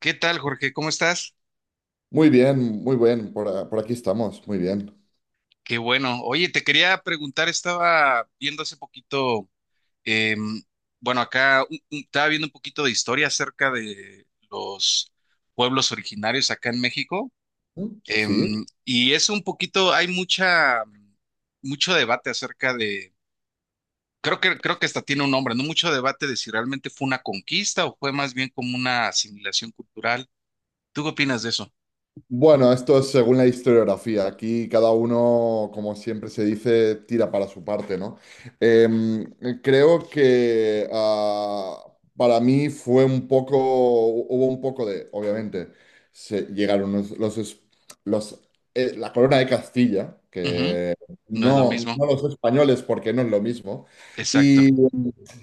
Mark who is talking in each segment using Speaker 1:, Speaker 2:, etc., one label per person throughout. Speaker 1: ¿Qué tal, Jorge? ¿Cómo estás?
Speaker 2: Muy bien, por aquí estamos, muy bien.
Speaker 1: Qué bueno. Oye, te quería preguntar, estaba viendo hace poquito, em, bueno, acá estaba viendo un poquito de historia acerca de los pueblos originarios acá en México.
Speaker 2: ¿Mm? Sí.
Speaker 1: Y es un poquito, hay mucho debate acerca de, creo que hasta tiene un nombre, ¿no? Mucho debate de si realmente fue una conquista o fue más bien como una asimilación cultural. ¿Tú qué opinas de eso?
Speaker 2: Bueno, esto es según la historiografía. Aquí cada uno, como siempre se dice, tira para su parte, ¿no? Em, Creo que para mí fue un poco, hubo un poco de, obviamente, se llegaron los, la corona de Castilla,
Speaker 1: Ujú.
Speaker 2: que
Speaker 1: No es lo
Speaker 2: no,
Speaker 1: mismo.
Speaker 2: no los españoles, porque no es lo mismo. Y
Speaker 1: Exacto.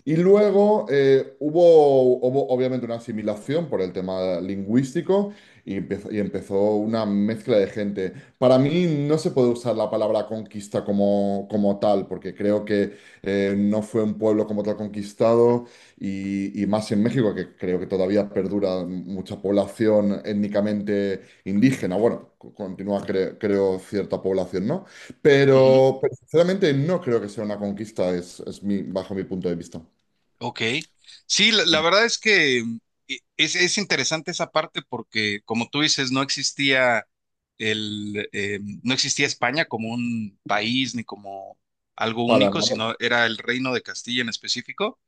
Speaker 2: y luego hubo obviamente una asimilación por el tema lingüístico. Y empezó una mezcla de gente. Para mí no se puede usar la palabra conquista como tal, porque creo que no fue un pueblo como tal conquistado, y más en México, que creo que todavía perdura mucha población étnicamente indígena. Bueno, continúa, creo, cierta población, ¿no? Pero sinceramente no creo que sea una conquista, bajo mi punto de vista.
Speaker 1: Ok. Sí, la verdad es que es interesante esa parte porque, como tú dices, no existía no existía España como un país ni como algo
Speaker 2: Para
Speaker 1: único,
Speaker 2: nada.
Speaker 1: sino era el Reino de Castilla en específico.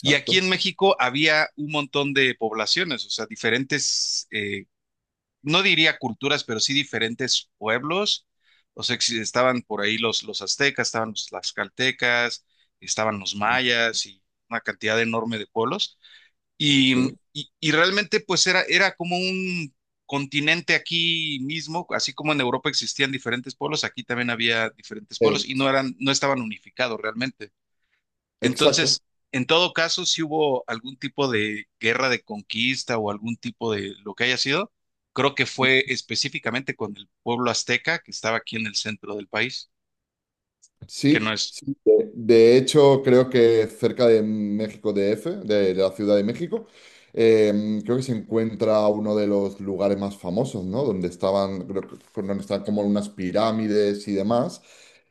Speaker 1: Y aquí en México había un montón de poblaciones, o sea, diferentes no diría culturas, pero sí diferentes pueblos. O sea, que estaban por ahí los aztecas, estaban los tlaxcaltecas, estaban los mayas y una cantidad enorme de pueblos. Y,
Speaker 2: Sí.
Speaker 1: y realmente pues era, como un continente aquí mismo, así como en Europa existían diferentes pueblos, aquí también había diferentes pueblos y
Speaker 2: Ex-
Speaker 1: no eran, no estaban unificados realmente.
Speaker 2: Exacto.
Speaker 1: Entonces, en todo caso, si hubo algún tipo de guerra de conquista o algún tipo de lo que haya sido, creo que fue específicamente con el pueblo azteca que estaba aquí en el centro del país, que
Speaker 2: Sí,
Speaker 1: no es...
Speaker 2: sí, de hecho, creo que cerca de México DF, la Ciudad de México, creo que se encuentra uno de los lugares más famosos, ¿no? Donde estaban, donde están como unas pirámides y demás,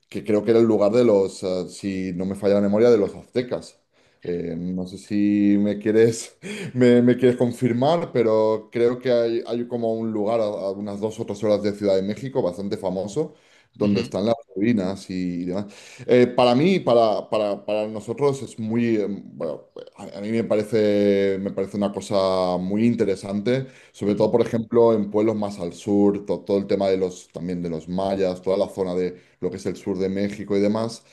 Speaker 2: que creo que era el lugar de los, si no me falla la memoria, de los aztecas. No sé si me quieres, me quieres confirmar, pero creo que hay como un lugar a unas dos o tres horas de Ciudad de México, bastante famoso, donde
Speaker 1: Ujú,
Speaker 2: están las ruinas y demás. Para mí, para nosotros es muy, bueno, a mí me parece una cosa muy interesante, sobre
Speaker 1: ujú,
Speaker 2: todo, por ejemplo, en pueblos más al sur, todo el tema de los, también de los mayas, toda la zona, lo que es el sur de México y demás,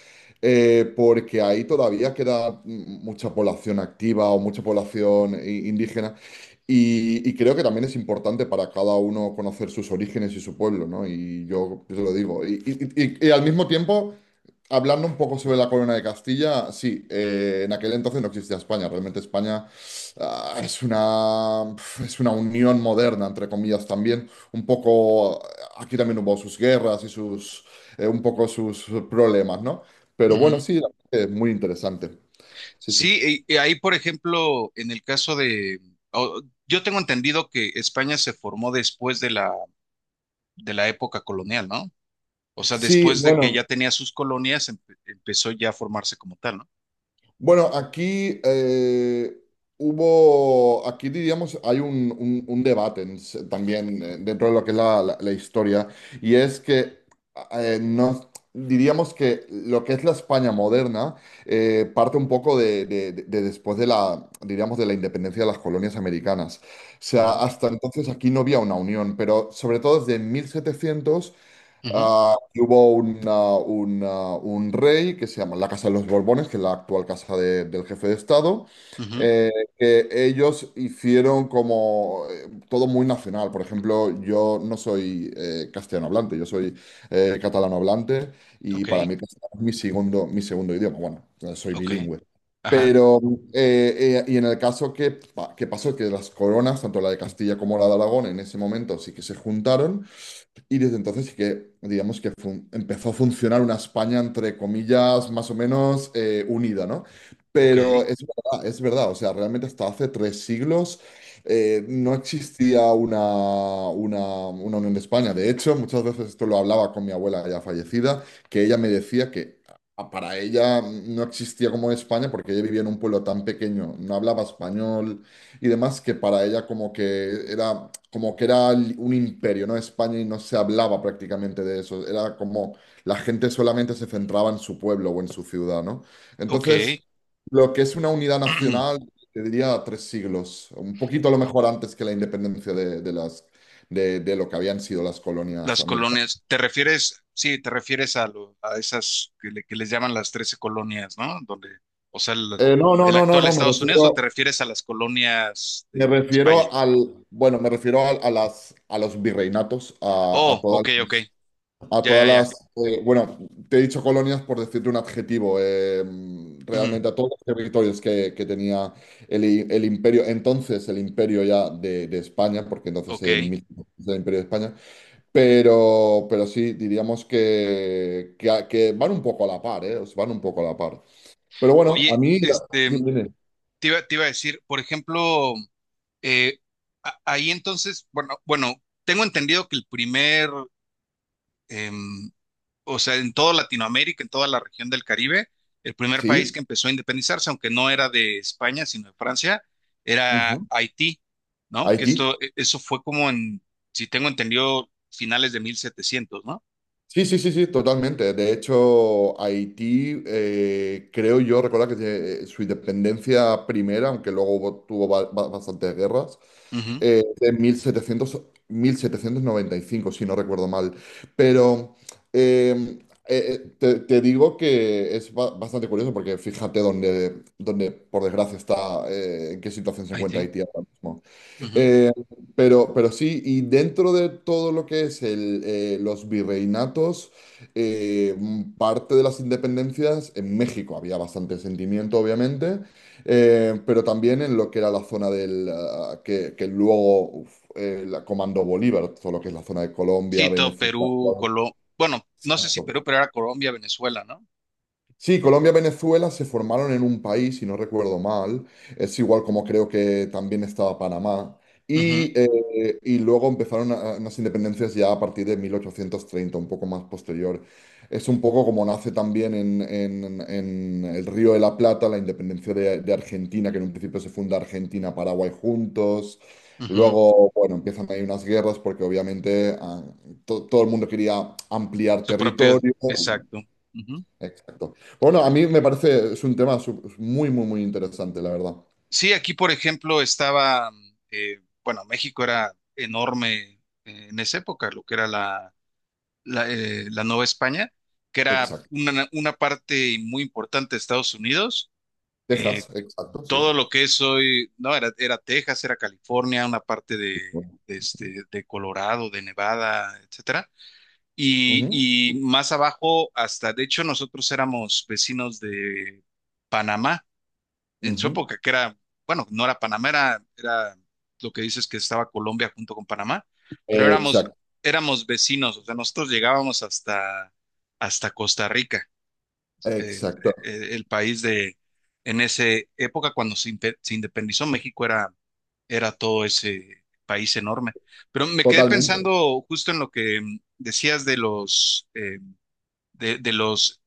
Speaker 2: porque ahí todavía queda mucha población activa o mucha población indígena. Y creo que también es importante para cada uno conocer sus orígenes y su pueblo, ¿no? Y yo te lo digo. Y al mismo tiempo, hablando un poco sobre la corona de Castilla, sí, en aquel entonces no existía España. Realmente España ah, es una, es una unión moderna, entre comillas, también. Un poco, aquí también hubo sus guerras y sus, un poco sus problemas, ¿no? Pero bueno,
Speaker 1: ujú.
Speaker 2: sí, la verdad que es muy interesante. Sí, sí.
Speaker 1: Sí, y ahí, por ejemplo, en el caso de... o- yo tengo entendido que España se formó después de la, época colonial, ¿no? O sea,
Speaker 2: Sí,
Speaker 1: después de que
Speaker 2: bueno,
Speaker 1: ya tenía sus colonias, empezó ya a formarse como tal, ¿no?
Speaker 2: Bueno, aquí aquí diríamos, hay un debate también, dentro de lo que es la, la historia, y es que no, diríamos que lo que es la España moderna, parte un poco de, de después de la, diríamos, de la independencia de las colonias americanas. O sea,
Speaker 1: Ujú,
Speaker 2: hasta entonces aquí no había una unión, pero sobre todo desde 1700.
Speaker 1: ujú,
Speaker 2: Hubo un una- un ah, un rey que se llama la Casa de los Borbones, que es la actual casa del jefe de Estado,
Speaker 1: ujú.
Speaker 2: eh, que ellos hicieron como, todo muy nacional. Por ejemplo, yo no soy, castellano hablante, yo soy, catalano hablante, y
Speaker 1: Ok,
Speaker 2: para mí castellano es mi segundo idioma. Bueno, soy
Speaker 1: ok.
Speaker 2: bilingüe.
Speaker 1: Ajá,
Speaker 2: Pero, y en el caso que pasó, que las coronas, tanto la de Castilla como la de Aragón, en ese momento sí que se juntaron y desde entonces sí que, digamos que empezó a funcionar una España, entre comillas, más o menos, unida, ¿no?
Speaker 1: ok,
Speaker 2: Pero es verdad, o sea, realmente hasta hace tres siglos, no existía una Unión de España. De hecho, muchas veces esto lo hablaba con mi abuela ya fallecida, que ella me decía que, para ella no existía como España, porque ella vivía en un pueblo tan pequeño, no hablaba español y demás, que para ella como que era un imperio, ¿no? España, y no se hablaba prácticamente de eso. Era como, la gente solamente se centraba en su pueblo o en su ciudad, ¿no?
Speaker 1: ok.
Speaker 2: Entonces, lo que es una unidad nacional, te diría tres siglos, un poquito a lo mejor antes que la independencia de lo que habían sido las colonias
Speaker 1: Las
Speaker 2: americanas.
Speaker 1: colonias, ¿te refieres? Sí, te refieres a, a esas que, que les llaman las 13 colonias, ¿no? Donde, o sea,
Speaker 2: No, no,
Speaker 1: el
Speaker 2: no, no,
Speaker 1: actual
Speaker 2: no, me
Speaker 1: Estados Unidos, ¿o te
Speaker 2: refiero,
Speaker 1: refieres a las colonias
Speaker 2: me
Speaker 1: de España?
Speaker 2: refiero al, bueno, me refiero a las, a los virreinatos, a
Speaker 1: Oh,
Speaker 2: toda
Speaker 1: ok, ok,
Speaker 2: A
Speaker 1: ya,
Speaker 2: todas
Speaker 1: ya, ya.
Speaker 2: las, bueno, te he dicho colonias por decirte un adjetivo,
Speaker 1: Ujú.
Speaker 2: realmente a todos los territorios que tenía el imperio, entonces el imperio ya de España, porque entonces en
Speaker 1: Ok.
Speaker 2: 1500 el imperio de España, pero sí, diríamos que, que van un poco a la par, os van un poco a la par. Pero bueno, a
Speaker 1: Oye,
Speaker 2: mí,
Speaker 1: este,
Speaker 2: dime, dime.
Speaker 1: te iba a decir, por ejemplo, eh, ahí entonces, bueno, tengo entendido que el primer, em, o sea, en toda Latinoamérica, en toda la región del Caribe, el primer país
Speaker 2: Sí,
Speaker 1: que empezó a independizarse, aunque no era de España, sino de Francia, era
Speaker 2: ujú.
Speaker 1: Haití, ¿no? Que
Speaker 2: Haití.
Speaker 1: esto, eso fue como en, si tengo entendido, finales de 1700, ¿no?
Speaker 2: Sí, sí, sí, sí, totalmente. De hecho, Haití, creo yo recordar que tiene, su independencia primera, aunque luego tuvo bastantes guerras,
Speaker 1: Ujú.
Speaker 2: de mil setecientos, 1795, si no recuerdo mal. Pero eh, te digo que es bastante curioso, porque fíjate dónde, por desgracia, está, en qué situación se encuentra
Speaker 1: Haití.
Speaker 2: Haití ahora mismo.
Speaker 1: Ujú.
Speaker 2: Eh, pero sí, y dentro de todo lo que es los virreinatos, parte de las independencias en México había bastante sentimiento, obviamente, pero también en lo que era la zona que luego, la comandó Bolívar, todo lo que es la zona de Colombia,
Speaker 1: Sí, todo
Speaker 2: Venezuela.
Speaker 1: Perú, Colombia, bueno, no sé si
Speaker 2: Exacto.
Speaker 1: Perú, pero era Colombia, Venezuela, ¿no?
Speaker 2: Sí, Colombia y Venezuela se formaron en un país, si no recuerdo mal. Es igual como creo que también estaba Panamá.
Speaker 1: Ujú,
Speaker 2: Y luego empezaron unas independencias ya a partir de 1830, un poco más posterior. Es un poco como nace también en el Río de la Plata la independencia de Argentina, que en un principio se funda Argentina-Paraguay juntos.
Speaker 1: ujú.
Speaker 2: Luego, bueno, empiezan ahí unas guerras porque obviamente, todo el mundo quería ampliar
Speaker 1: Su propio,
Speaker 2: territorio.
Speaker 1: exacto. Ujú.
Speaker 2: Exacto. Bueno, a mí me parece, es un tema, muy, muy, muy interesante, la verdad.
Speaker 1: Sí, aquí, por ejemplo, estaba, bueno, México era enorme en esa época, lo que era la Nueva España, que era
Speaker 2: Exacto.
Speaker 1: una parte muy importante de Estados Unidos. eh,
Speaker 2: Texas, exacto, sí.
Speaker 1: Todo lo que es hoy, no, era Texas, era California, una parte de, este, de Colorado, de Nevada, etcétera.
Speaker 2: Ujú,
Speaker 1: Y, y más abajo, hasta, de hecho, nosotros éramos vecinos de Panamá en su
Speaker 2: ujú.
Speaker 1: época, que era, bueno, no era Panamá, era lo que dices que estaba Colombia junto con Panamá, pero
Speaker 2: Exacto,
Speaker 1: éramos vecinos, o sea, nosotros llegábamos hasta Costa Rica, el,
Speaker 2: exacto.
Speaker 1: el país de, en esa época cuando se independizó México era todo ese país enorme. Pero me quedé
Speaker 2: Totalmente.
Speaker 1: pensando justo en lo que decías de los... de los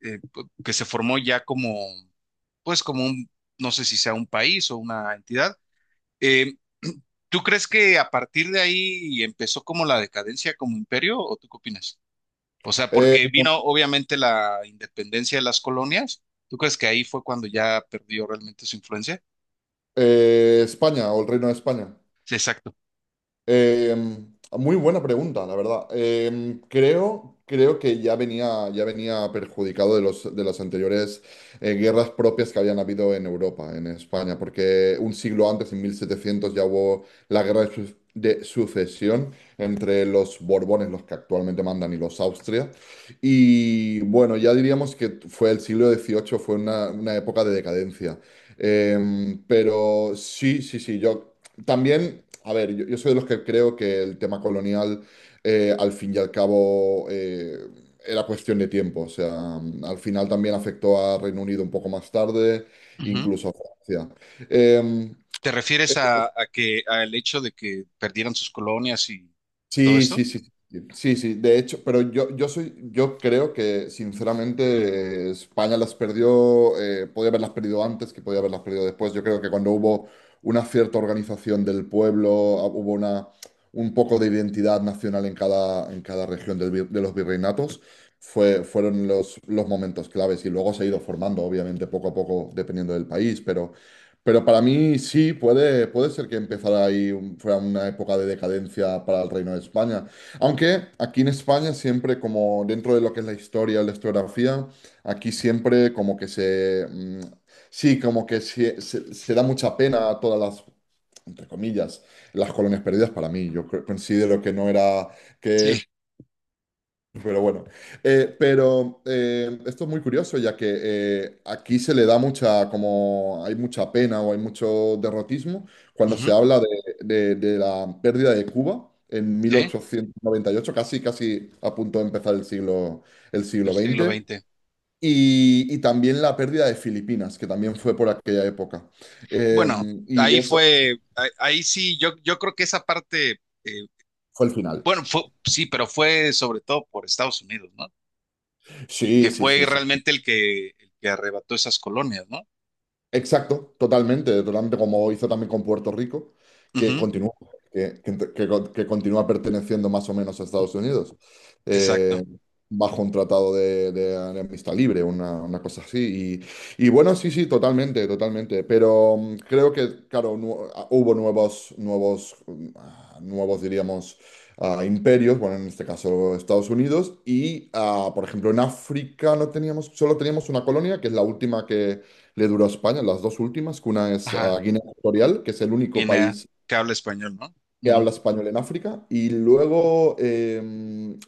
Speaker 1: eh, que se formó ya como, pues como un, no sé si sea un país o una entidad. Eh, ¿Tú crees que a partir de ahí empezó como la decadencia como imperio o tú qué opinas? O sea,
Speaker 2: Eh,
Speaker 1: porque vino obviamente la independencia de las colonias. ¿Tú crees que ahí fue cuando ya perdió realmente su influencia?
Speaker 2: España o el Reino de España.
Speaker 1: Sí, exacto.
Speaker 2: Muy buena pregunta, la verdad. Creo que ya venía perjudicado de las anteriores, guerras propias que habían habido en Europa, en España, porque un siglo antes, en 1700, ya hubo la guerra de sucesión entre los Borbones, los que actualmente mandan, y los Austria. Y bueno, ya diríamos que fue el siglo XVIII, fue una época de decadencia. Pero sí, sí, sí, yo... También, a ver, yo soy de los que creo que el tema colonial, al fin y al cabo, era cuestión de tiempo. O sea, al final también afectó a Reino Unido un poco más tarde,
Speaker 1: Ujú.
Speaker 2: incluso a Francia. Eh,
Speaker 1: ¿Te refieres a, que al hecho de que perdieran sus colonias y todo
Speaker 2: Sí,
Speaker 1: esto?
Speaker 2: sí, sí, sí, sí, de hecho, pero yo creo que sinceramente, España las perdió, podía haberlas perdido antes que podía haberlas perdido después. Yo creo que cuando hubo una cierta organización del pueblo, hubo un poco de identidad nacional en cada región de los virreinatos, fueron los momentos claves, y luego se ha ido formando, obviamente, poco a poco, dependiendo del país, pero para mí sí, puede ser que empezara ahí, fuera una época de decadencia para el Reino de España. Aunque aquí en España siempre, como dentro de lo que es la historia, la historiografía, aquí siempre como que se, sí, como que se da mucha pena a todas las, entre comillas, las colonias perdidas, para mí. Yo considero que no era...
Speaker 1: Sí.
Speaker 2: que pero bueno, pero, esto es muy curioso, ya que, aquí se le da mucha, como hay mucha pena o hay mucho derrotismo, cuando se
Speaker 1: Ujú.
Speaker 2: habla de, de la pérdida de Cuba en mil
Speaker 1: Sí,
Speaker 2: ochocientos noventa y ocho casi, casi a punto de empezar el siglo, el
Speaker 1: el
Speaker 2: siglo
Speaker 1: siglo
Speaker 2: veinte,
Speaker 1: veinte
Speaker 2: y también la pérdida de Filipinas, que también fue por aquella época.
Speaker 1: Bueno,
Speaker 2: Y
Speaker 1: ahí
Speaker 2: eso
Speaker 1: fue, ahí sí, yo creo que esa parte,
Speaker 2: fue el final.
Speaker 1: bueno, fue, sí, pero fue sobre todo por Estados Unidos, ¿no?
Speaker 2: Sí,
Speaker 1: Que
Speaker 2: sí,
Speaker 1: fue
Speaker 2: sí, sí.
Speaker 1: realmente el que arrebató esas colonias, ¿no?
Speaker 2: Exacto, totalmente, totalmente, como hizo también con Puerto Rico, que
Speaker 1: Ujú,
Speaker 2: continúa, que con- que continúa perteneciendo más o menos a Estados Unidos, eh,
Speaker 1: exacto.
Speaker 2: bajo un tratado de amistad libre, una cosa así. Y bueno, sí, sí, totalmente, totalmente. Pero creo que, claro, hubo nuevos, diríamos, imperios, bueno, en este caso Estados Unidos, y, por ejemplo, en África no teníamos, solo teníamos una colonia, que es la última, le duró a España, las dos últimas, que una es
Speaker 1: Ajá.
Speaker 2: a Guinea Ecuatorial, que es el único
Speaker 1: Guinea,
Speaker 2: país
Speaker 1: que habla español, ¿no?
Speaker 2: que
Speaker 1: Ujú.
Speaker 2: habla español en África, y luego,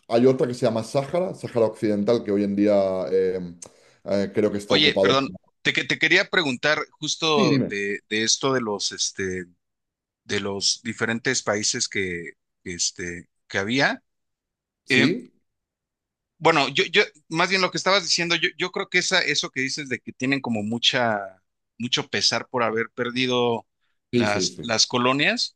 Speaker 2: hay otra que se llama Sáhara, Sáhara Occidental, que hoy en día creo que está
Speaker 1: Oye,
Speaker 2: ocupado
Speaker 1: perdón,
Speaker 2: por...
Speaker 1: te quería preguntar
Speaker 2: Sí,
Speaker 1: justo
Speaker 2: dime.
Speaker 1: de esto este, de los diferentes países que, este, que había. Eh,
Speaker 2: Sí,
Speaker 1: Bueno, más bien lo que estabas diciendo, yo creo que eso que dices de que tienen como mucho pesar por haber perdido
Speaker 2: sí, sí, sí.
Speaker 1: las colonias.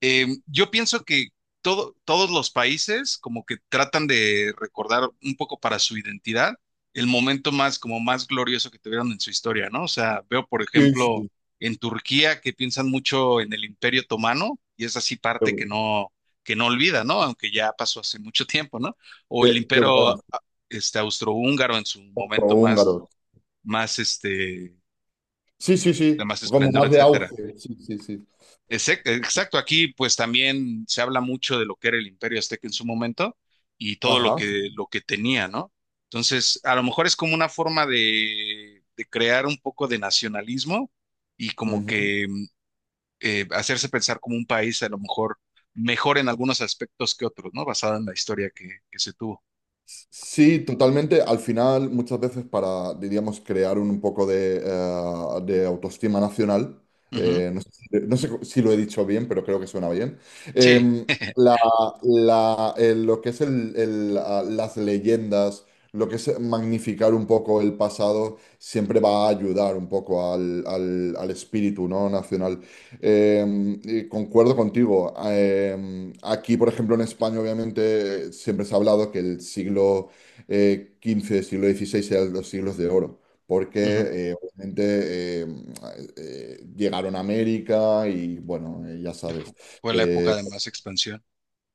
Speaker 1: Yo pienso que todos los países como que tratan de recordar un poco para su identidad el momento más como más glorioso que tuvieron en su historia, ¿no? O sea, veo por
Speaker 2: Sí,
Speaker 1: ejemplo
Speaker 2: sí.
Speaker 1: en Turquía que piensan mucho en el Imperio Otomano y es así parte que no olvida, ¿no? Aunque ya pasó hace mucho tiempo, ¿no? O el
Speaker 2: Qué
Speaker 1: Imperio
Speaker 2: buenas,
Speaker 1: este austrohúngaro en su momento
Speaker 2: húngaros.
Speaker 1: más este
Speaker 2: Sí, sí,
Speaker 1: de
Speaker 2: sí,
Speaker 1: más
Speaker 2: como
Speaker 1: esplendor,
Speaker 2: más de
Speaker 1: etcétera.
Speaker 2: auge. Sí, sí, sí.
Speaker 1: Exacto, aquí pues también se habla mucho de lo que era el Imperio Azteca en su momento y todo
Speaker 2: Ajá.
Speaker 1: lo que tenía, ¿no? Entonces, a lo mejor es como una forma de crear un poco de nacionalismo y como que hacerse pensar como un país a lo mejor mejor en algunos aspectos que otros, ¿no? Basada en la historia que se tuvo.
Speaker 2: Sí, totalmente. Al final, muchas veces para, diríamos, crear un poco de autoestima nacional,
Speaker 1: Ujú.
Speaker 2: si no sé si lo he dicho bien, pero creo que suena bien,
Speaker 1: Sí,
Speaker 2: eh, la- lo que es las leyendas, lo que es magnificar un poco el pasado, siempre va a ayudar un poco al espíritu, ¿no?, nacional. Eh, y concuerdo contigo. Aquí, por ejemplo, en España, obviamente, siempre se ha hablado que el siglo, XV, siglo XVI eran los siglos de oro, porque
Speaker 1: ujú.
Speaker 2: obviamente, llegaron a América y, bueno, ya sabes,
Speaker 1: Fue la época
Speaker 2: eh,
Speaker 1: de más expansión,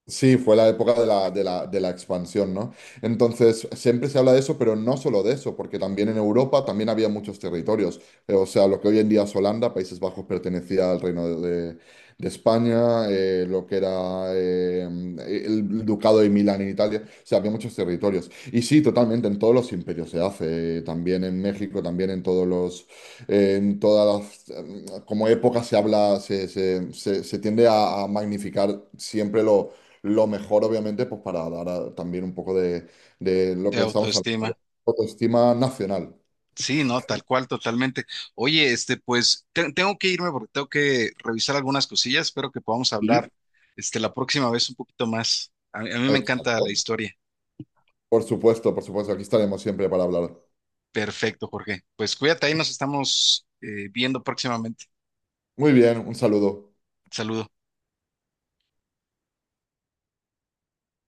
Speaker 2: sí, fue la época de la expansión, ¿no? Entonces, siempre se habla de eso, pero no solo de eso, porque también en Europa también había muchos territorios. O sea, lo que hoy en día es Holanda, Países Bajos, pertenecía al Reino de España, lo que era, el Ducado de Milán en Italia, o sea, había muchos territorios. Y sí, totalmente, en todos los imperios se hace, también en México, también en todos los, en todas las, como época se habla, se tiende a magnificar siempre lo mejor, obviamente, pues para dar, también un poco de lo
Speaker 1: de
Speaker 2: que estamos hablando, de
Speaker 1: autoestima.
Speaker 2: autoestima nacional.
Speaker 1: Sí, no, tal cual, totalmente. Oye, este, pues tengo que irme porque tengo que revisar algunas cosillas. Espero que podamos
Speaker 2: Sí,
Speaker 1: hablar, este, la próxima vez un poquito más. A mí me encanta la
Speaker 2: exacto.
Speaker 1: historia.
Speaker 2: Por supuesto, aquí estaremos siempre para hablar.
Speaker 1: Perfecto, Jorge. Pues cuídate, ahí nos estamos viendo próximamente.
Speaker 2: Muy bien, un saludo.
Speaker 1: Saludos.